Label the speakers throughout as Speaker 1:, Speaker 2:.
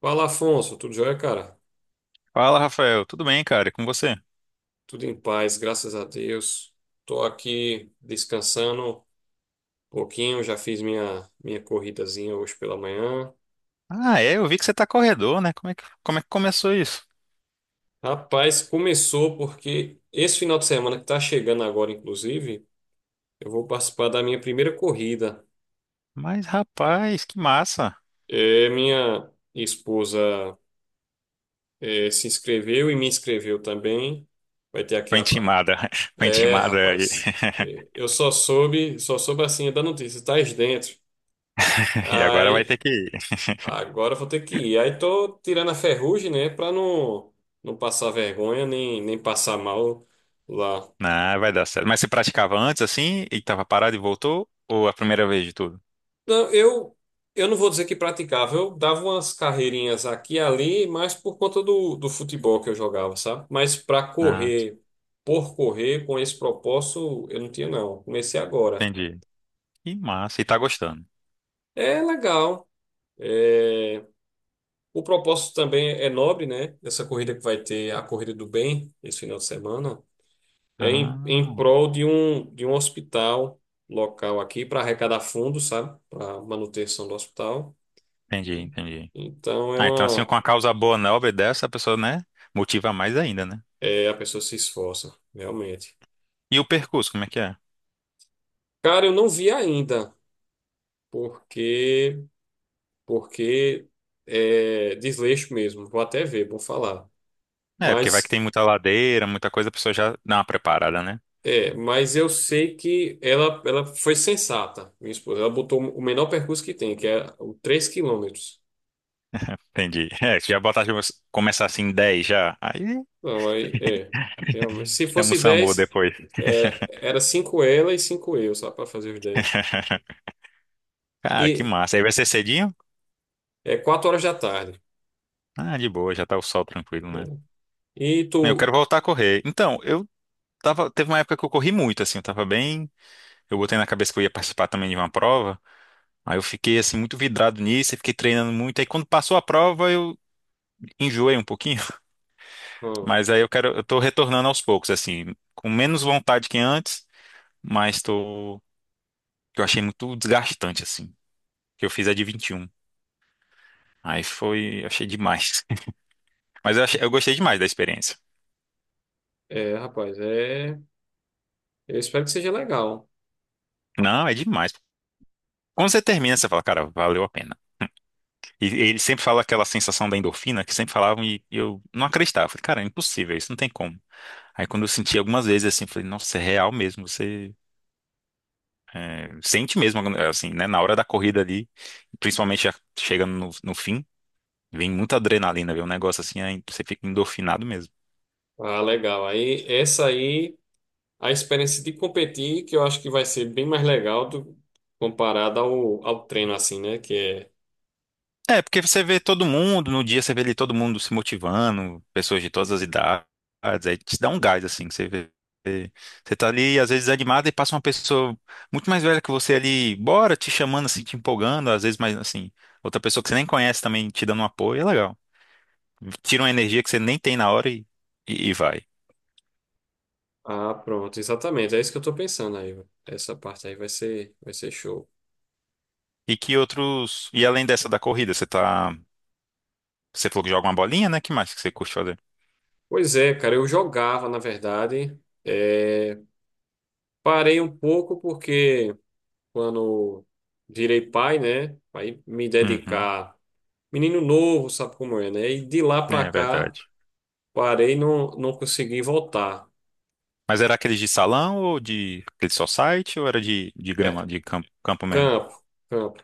Speaker 1: Fala, Afonso, tudo jóia, cara?
Speaker 2: Fala, Rafael. Tudo bem, cara? E com você?
Speaker 1: Tudo em paz, graças a Deus. Tô aqui descansando um pouquinho, já fiz minha corridazinha hoje pela manhã.
Speaker 2: Ah, é, eu vi que você tá corredor, né? Como é que começou isso?
Speaker 1: Rapaz, começou porque esse final de semana que tá chegando agora, inclusive, eu vou participar da minha primeira corrida.
Speaker 2: Mas, rapaz, que massa.
Speaker 1: É, minha esposa se inscreveu e me inscreveu também. Vai ter aqui
Speaker 2: Foi
Speaker 1: a...
Speaker 2: intimada. Foi
Speaker 1: É,
Speaker 2: intimada
Speaker 1: rapaz, eu só soube assim da notícia, tá dentro.
Speaker 2: e agora vai
Speaker 1: Ai,
Speaker 2: ter que ir.
Speaker 1: agora eu vou ter que ir. Aí tô tirando a ferrugem, né? Pra não passar vergonha, nem passar mal lá.
Speaker 2: Não, vai dar certo. Mas você praticava antes, assim, e tava parado e voltou? Ou a primeira vez de tudo?
Speaker 1: Não, eu não vou dizer que praticava. Eu dava umas carreirinhas aqui e ali, mas por conta do futebol que eu jogava, sabe? Mas
Speaker 2: Ah,
Speaker 1: por correr, com esse propósito, eu não tinha, não. Comecei agora.
Speaker 2: entendi. Que massa. E tá gostando?
Speaker 1: É legal. É, o propósito também é nobre, né? Essa corrida que vai ter, a Corrida do Bem, esse final de semana. É em
Speaker 2: Ah,
Speaker 1: prol de um hospital local aqui para arrecadar fundos, sabe? Para manutenção do hospital.
Speaker 2: entendi,
Speaker 1: E-
Speaker 2: entendi.
Speaker 1: Então é
Speaker 2: Ah, então assim, com
Speaker 1: uma.
Speaker 2: a causa boa, nobre dessa, a pessoa, né, motiva mais ainda, né?
Speaker 1: É, a pessoa se esforça, realmente.
Speaker 2: E o percurso, como é que é?
Speaker 1: Cara, eu não vi ainda, porque porque é desleixo mesmo. Vou até ver, vou falar.
Speaker 2: É, porque vai que
Speaker 1: Mas
Speaker 2: tem muita ladeira, muita coisa, a pessoa já dá uma preparada, né?
Speaker 1: mas eu sei que ela foi sensata, minha esposa. Ela botou o menor percurso que tem, que é o 3 km.
Speaker 2: Entendi. É, se já botar, tipo, começar assim 10 já, aí
Speaker 1: Não, aí é. Realmente. Se
Speaker 2: chama o
Speaker 1: fosse
Speaker 2: SAMU
Speaker 1: 10
Speaker 2: depois.
Speaker 1: era 5 ela e 5 eu, só para fazer os dez.
Speaker 2: Cara, que
Speaker 1: E
Speaker 2: massa. Aí vai ser cedinho?
Speaker 1: é 4 horas da tarde,
Speaker 2: Ah, de boa, já tá o sol tranquilo, né?
Speaker 1: né? E
Speaker 2: Eu
Speaker 1: tu.
Speaker 2: quero voltar a correr. Então, teve uma época que eu corri muito, assim, eu tava bem, eu botei na cabeça que eu ia participar também de uma prova, aí eu fiquei, assim, muito vidrado nisso, e fiquei treinando muito, aí quando passou a prova eu enjoei um pouquinho.
Speaker 1: Ah,
Speaker 2: Mas aí eu quero, eu tô retornando aos poucos, assim, com menos vontade que antes, mas tô, que eu achei muito desgastante, assim, que eu fiz a de 21. Aí foi, eu achei demais. Eu gostei demais da experiência.
Speaker 1: é, rapaz, é. Eu espero que seja legal.
Speaker 2: Não, é demais. Quando você termina, você fala, cara, valeu a pena. E ele sempre fala aquela sensação da endorfina que sempre falavam e eu não acreditava. Falei, cara, é impossível, isso não tem como. Aí quando eu senti algumas vezes assim, falei, nossa, é real mesmo, sente mesmo, assim, né? Na hora da corrida ali, principalmente já chegando no fim. Vem muita adrenalina, vem um negócio assim, aí você fica endorfinado mesmo.
Speaker 1: Ah, legal. Aí, essa aí, a experiência de competir, que eu acho que vai ser bem mais legal comparada ao treino, assim, né? Que é.
Speaker 2: É, porque você vê todo mundo, no dia você vê ali todo mundo se motivando, pessoas de todas as idades, aí te dá um gás, assim, que você vê. Você tá ali, às vezes, animado e passa uma pessoa muito mais velha que você ali, bora, te chamando, assim, te empolgando, às vezes, mais assim, outra pessoa que você nem conhece também te dando um apoio, é legal. Tira uma energia que você nem tem na hora e vai.
Speaker 1: Ah, pronto, exatamente. É isso que eu tô pensando aí. Essa parte aí vai ser show.
Speaker 2: E que outros. E além dessa da corrida, você tá. Você falou que joga uma bolinha, né? Que mais que você curte fazer?
Speaker 1: Pois é, cara, eu jogava, na verdade. É, parei um pouco porque quando virei pai, né? Aí me
Speaker 2: Uhum.
Speaker 1: dedicar. Menino novo, sabe como é, né? E de lá pra
Speaker 2: É
Speaker 1: cá,
Speaker 2: verdade.
Speaker 1: parei não, não consegui voltar.
Speaker 2: Mas era aqueles de salão ou de aquele society ou era de
Speaker 1: É,
Speaker 2: grama, de campo, campo mesmo?
Speaker 1: campo, campo.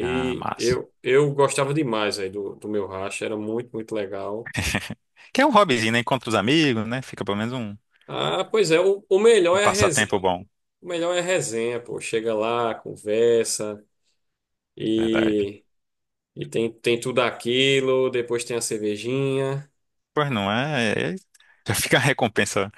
Speaker 2: Ah, massa.
Speaker 1: eu gostava demais aí do meu racha, era muito, muito legal.
Speaker 2: Que é um hobbyzinho, né? Encontra os amigos, né? Fica pelo menos um
Speaker 1: Ah, pois é, o melhor
Speaker 2: um
Speaker 1: é a resenha.
Speaker 2: passatempo bom.
Speaker 1: O melhor é a resenha, pô. Chega lá, conversa
Speaker 2: Verdade.
Speaker 1: e. E tem tudo aquilo, depois tem a cervejinha.
Speaker 2: Pois não é. Já fica a recompensa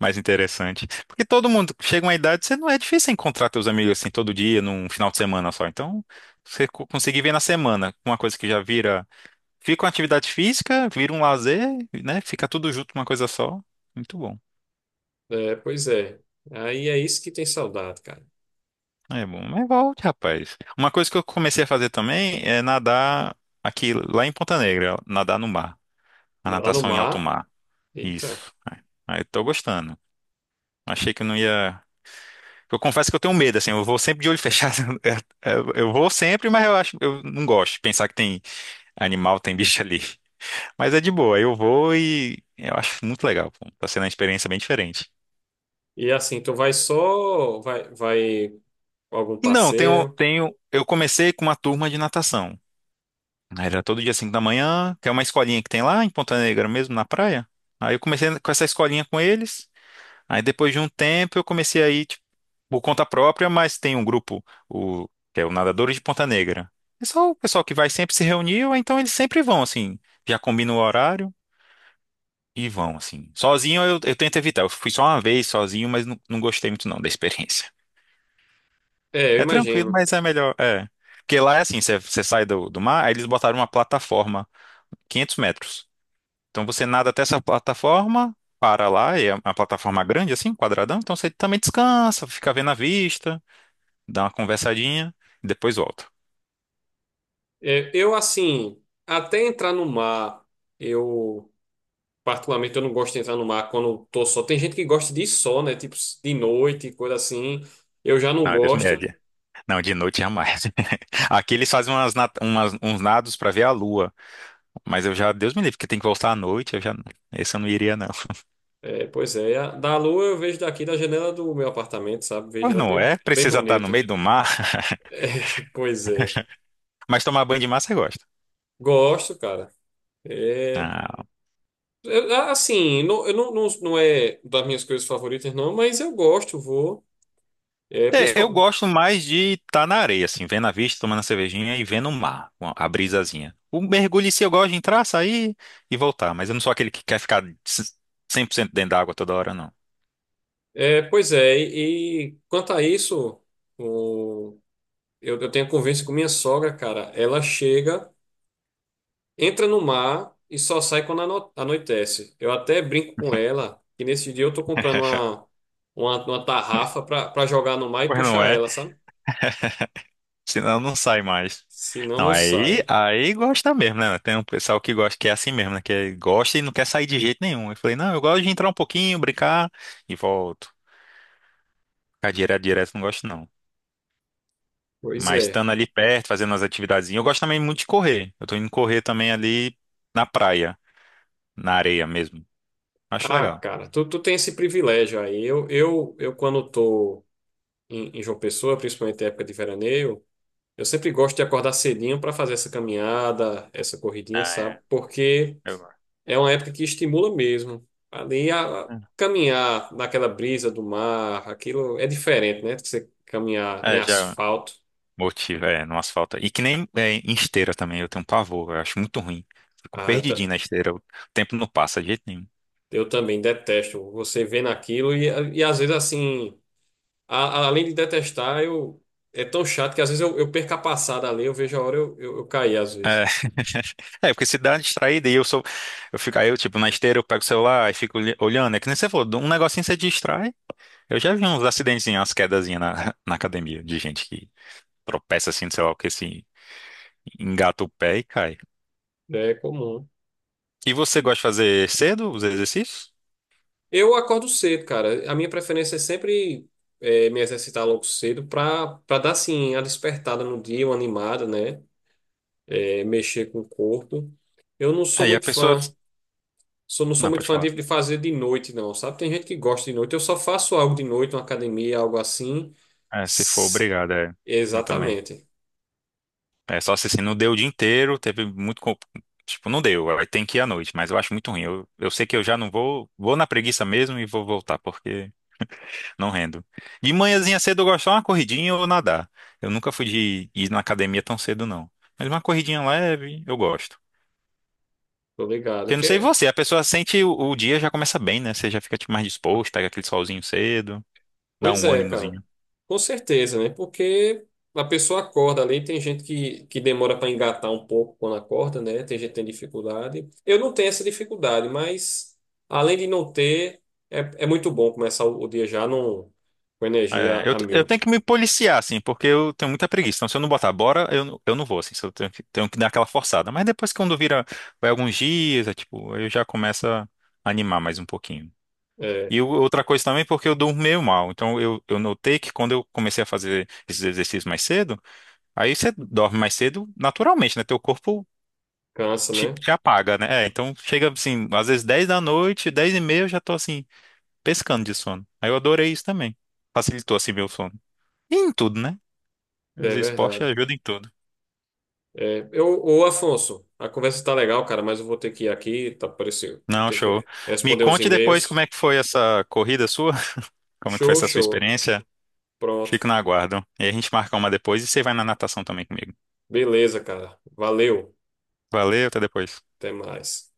Speaker 2: mais interessante. Porque todo mundo chega uma idade, você não é difícil encontrar teus amigos assim todo dia, num final de semana só. Então, você co- conseguir ver na semana uma coisa que já vira. Fica uma atividade física, vira um lazer, né? Fica tudo junto, uma coisa só. Muito bom.
Speaker 1: É, pois é. Aí é isso que tem saudade, cara.
Speaker 2: É bom, mas volte, rapaz. Uma coisa que eu comecei a fazer também é nadar aqui, lá em Ponta Negra, nadar no mar. A
Speaker 1: Nadar no
Speaker 2: natação em
Speaker 1: mar.
Speaker 2: alto mar.
Speaker 1: Eita.
Speaker 2: Isso. Aí tô gostando. Achei que não ia. Eu confesso que eu tenho medo, assim, eu vou sempre de olho fechado. Eu vou sempre, mas eu acho, eu não gosto de pensar que tem animal, tem bicho ali. Mas é de boa, eu vou e eu acho muito legal, pô. Tá sendo uma experiência bem diferente.
Speaker 1: E assim, tu vai só, vai com algum
Speaker 2: E não,
Speaker 1: parceiro.
Speaker 2: eu comecei com uma turma de natação. Era todo dia 5 da manhã, que é uma escolinha que tem lá em Ponta Negra mesmo, na praia. Aí eu comecei com essa escolinha com eles. Aí depois de um tempo eu comecei a ir, tipo, por conta própria, mas tem um grupo, o, que é o Nadadores de Ponta Negra. É só o pessoal que vai sempre se reunir, ou então eles sempre vão, assim, já combinam o horário e vão, assim. Sozinho eu tento evitar. Eu fui só uma vez sozinho, mas não gostei muito não da experiência.
Speaker 1: É, eu
Speaker 2: É tranquilo,
Speaker 1: imagino.
Speaker 2: mas é melhor, é. Porque lá é assim, você sai do mar, aí eles botaram uma plataforma 500 metros. Então você nada até essa plataforma, para lá, é uma plataforma grande assim, quadradão, então você também descansa, fica vendo a vista, dá uma conversadinha, e depois volta.
Speaker 1: É, eu assim, até entrar no mar, eu particularmente eu não gosto de entrar no mar quando tô só. Tem gente que gosta de ir só, né? Tipo de noite, coisa assim. Eu já não
Speaker 2: Não, é Deus me
Speaker 1: gosto.
Speaker 2: livre. Não, de noite jamais. Aqui eles fazem uns nados para ver a lua, mas eu já, Deus me livre, porque tem que voltar à noite, esse eu não iria não.
Speaker 1: É, pois é, da lua eu vejo daqui da janela do meu apartamento, sabe? Vejo
Speaker 2: Pois
Speaker 1: ela
Speaker 2: não
Speaker 1: bem,
Speaker 2: é,
Speaker 1: bem
Speaker 2: precisa estar no
Speaker 1: bonita.
Speaker 2: meio do mar,
Speaker 1: É, pois é.
Speaker 2: mas tomar banho de mar você gosta.
Speaker 1: Gosto, cara. É,
Speaker 2: Ah,
Speaker 1: assim, não, eu não, não, não é das minhas coisas favoritas, não, mas eu gosto, vou. É,
Speaker 2: é, eu gosto mais de estar na areia, assim, vendo a vista, tomando a cervejinha e vendo o mar, com a brisazinha. O mergulho em si eu gosto de entrar, sair e voltar, mas eu não sou aquele que quer 100% dentro da água toda hora, não.
Speaker 1: pois é, e quanto a isso, o, eu tenho convivência com minha sogra, cara. Ela chega. Entra no mar e só sai quando anoitece. Eu até brinco com ela que nesse dia eu tô comprando uma, uma, uma tarrafa pra jogar no mar e
Speaker 2: Pois não
Speaker 1: puxar
Speaker 2: é?
Speaker 1: ela, sabe?
Speaker 2: Senão não sai mais.
Speaker 1: Senão
Speaker 2: Não,
Speaker 1: não
Speaker 2: aí,
Speaker 1: sai.
Speaker 2: aí gosta mesmo, né? Tem um pessoal que gosta, que é assim mesmo, né? Que gosta e não quer sair de jeito nenhum. Eu falei, não, eu gosto de entrar um pouquinho, brincar e volto. Ficar não gosto, não.
Speaker 1: Pois
Speaker 2: Mas
Speaker 1: é.
Speaker 2: estando ali perto, fazendo as atividades. Eu gosto também muito de correr. Eu tô indo correr também ali na praia, na areia mesmo. Acho
Speaker 1: Ah,
Speaker 2: legal.
Speaker 1: cara, tu tem esse privilégio aí. Eu quando tô em João Pessoa, principalmente na época de veraneio, eu sempre gosto de acordar cedinho para fazer essa caminhada, essa corridinha,
Speaker 2: Ah,
Speaker 1: sabe?
Speaker 2: é.
Speaker 1: Porque.
Speaker 2: Eu gosto.
Speaker 1: É uma época que estimula mesmo. Ali a caminhar naquela brisa do mar, aquilo é diferente, né? Você caminhar em
Speaker 2: Já
Speaker 1: asfalto.
Speaker 2: motiva é, no asfalto. E que nem é, em esteira também, eu tenho um pavor, eu acho muito ruim. Fico
Speaker 1: Ah,
Speaker 2: perdidinho na esteira, o tempo não passa de jeito nenhum.
Speaker 1: eu também detesto. Você vendo aquilo e às vezes assim, além de detestar, eu é tão chato que às vezes eu perco a passada ali, eu vejo a hora eu cair às vezes.
Speaker 2: É, porque se dá uma distraída e eu sou. Eu fico, aí eu, tipo, na esteira eu pego o celular e fico olhando. É que nem você falou, um negocinho você distrai. Eu já vi uns acidentezinhos, umas quedazinhas na, na academia de gente que tropeça assim, sei lá o que, se engata o pé e cai.
Speaker 1: É comum.
Speaker 2: E você gosta de fazer cedo os exercícios?
Speaker 1: Eu acordo cedo, cara. A minha preferência é sempre me exercitar logo cedo para dar assim a despertada no dia, uma animada, né? É, mexer com o corpo. Eu não sou
Speaker 2: Aí a
Speaker 1: muito
Speaker 2: pessoa.
Speaker 1: fã. Sou, não sou
Speaker 2: Não,
Speaker 1: muito
Speaker 2: pode
Speaker 1: fã de,
Speaker 2: falar.
Speaker 1: de fazer de noite, não, sabe? Tem gente que gosta de noite. Eu só faço algo de noite, uma academia, algo assim.
Speaker 2: É, se for
Speaker 1: S-
Speaker 2: obrigada, é. Eu também.
Speaker 1: Exatamente.
Speaker 2: É só se assim, não deu o dia inteiro, teve muito. Co- Tipo, não deu, aí tem que ir à noite, mas eu acho muito ruim. Eu sei que eu já não vou na preguiça mesmo e vou voltar, porque não rendo. De manhãzinha cedo eu gosto só uma corridinha ou nadar. Eu nunca fui de ir na academia tão cedo, não. Mas uma corridinha leve, eu gosto.
Speaker 1: Tô ligado.
Speaker 2: Eu não sei você, a pessoa sente o dia já começa bem, né? Você já fica tipo, mais disposto, pega aquele solzinho cedo, dá
Speaker 1: Pois
Speaker 2: um
Speaker 1: é, cara.
Speaker 2: ânimozinho.
Speaker 1: Com certeza, né? Porque a pessoa acorda ali, tem gente que demora para engatar um pouco quando acorda, né? Tem gente que tem dificuldade. Eu não tenho essa dificuldade, mas além de não ter, é muito bom começar o dia já com energia
Speaker 2: É,
Speaker 1: a
Speaker 2: eu
Speaker 1: mil.
Speaker 2: tenho que me policiar, assim, porque eu tenho muita preguiça. Então, se eu não botar bora, eu não vou, assim, se eu tenho tenho que dar aquela forçada. Mas depois que quando vira, vai alguns dias, é, tipo, eu já começo a animar mais um pouquinho.
Speaker 1: É.
Speaker 2: E outra coisa também, porque eu durmo meio mal. Então, eu notei que quando eu comecei a fazer esses exercícios mais cedo, aí você dorme mais cedo naturalmente, né? Teu corpo
Speaker 1: Cansa, né?
Speaker 2: te apaga, né? É, então chega assim, às vezes 10 da noite, 10:30 eu já tô assim, pescando de sono. Aí eu adorei isso também. Facilitou assim meu sono. E em tudo, né? Os
Speaker 1: É
Speaker 2: esportes
Speaker 1: verdade.
Speaker 2: ajudam em tudo.
Speaker 1: É, ô Afonso, a conversa tá legal, cara, mas eu vou ter que ir aqui, tá parecendo.
Speaker 2: Não,
Speaker 1: Ter
Speaker 2: show.
Speaker 1: que
Speaker 2: Me
Speaker 1: responder uns
Speaker 2: conte depois como
Speaker 1: e-mails.
Speaker 2: é que foi essa corrida sua, como é que foi
Speaker 1: Show,
Speaker 2: essa sua
Speaker 1: show.
Speaker 2: experiência.
Speaker 1: Pronto.
Speaker 2: Fico na aguardo. E a gente marca uma depois e você vai na natação também comigo.
Speaker 1: Beleza, cara. Valeu.
Speaker 2: Valeu, até depois.
Speaker 1: Até mais.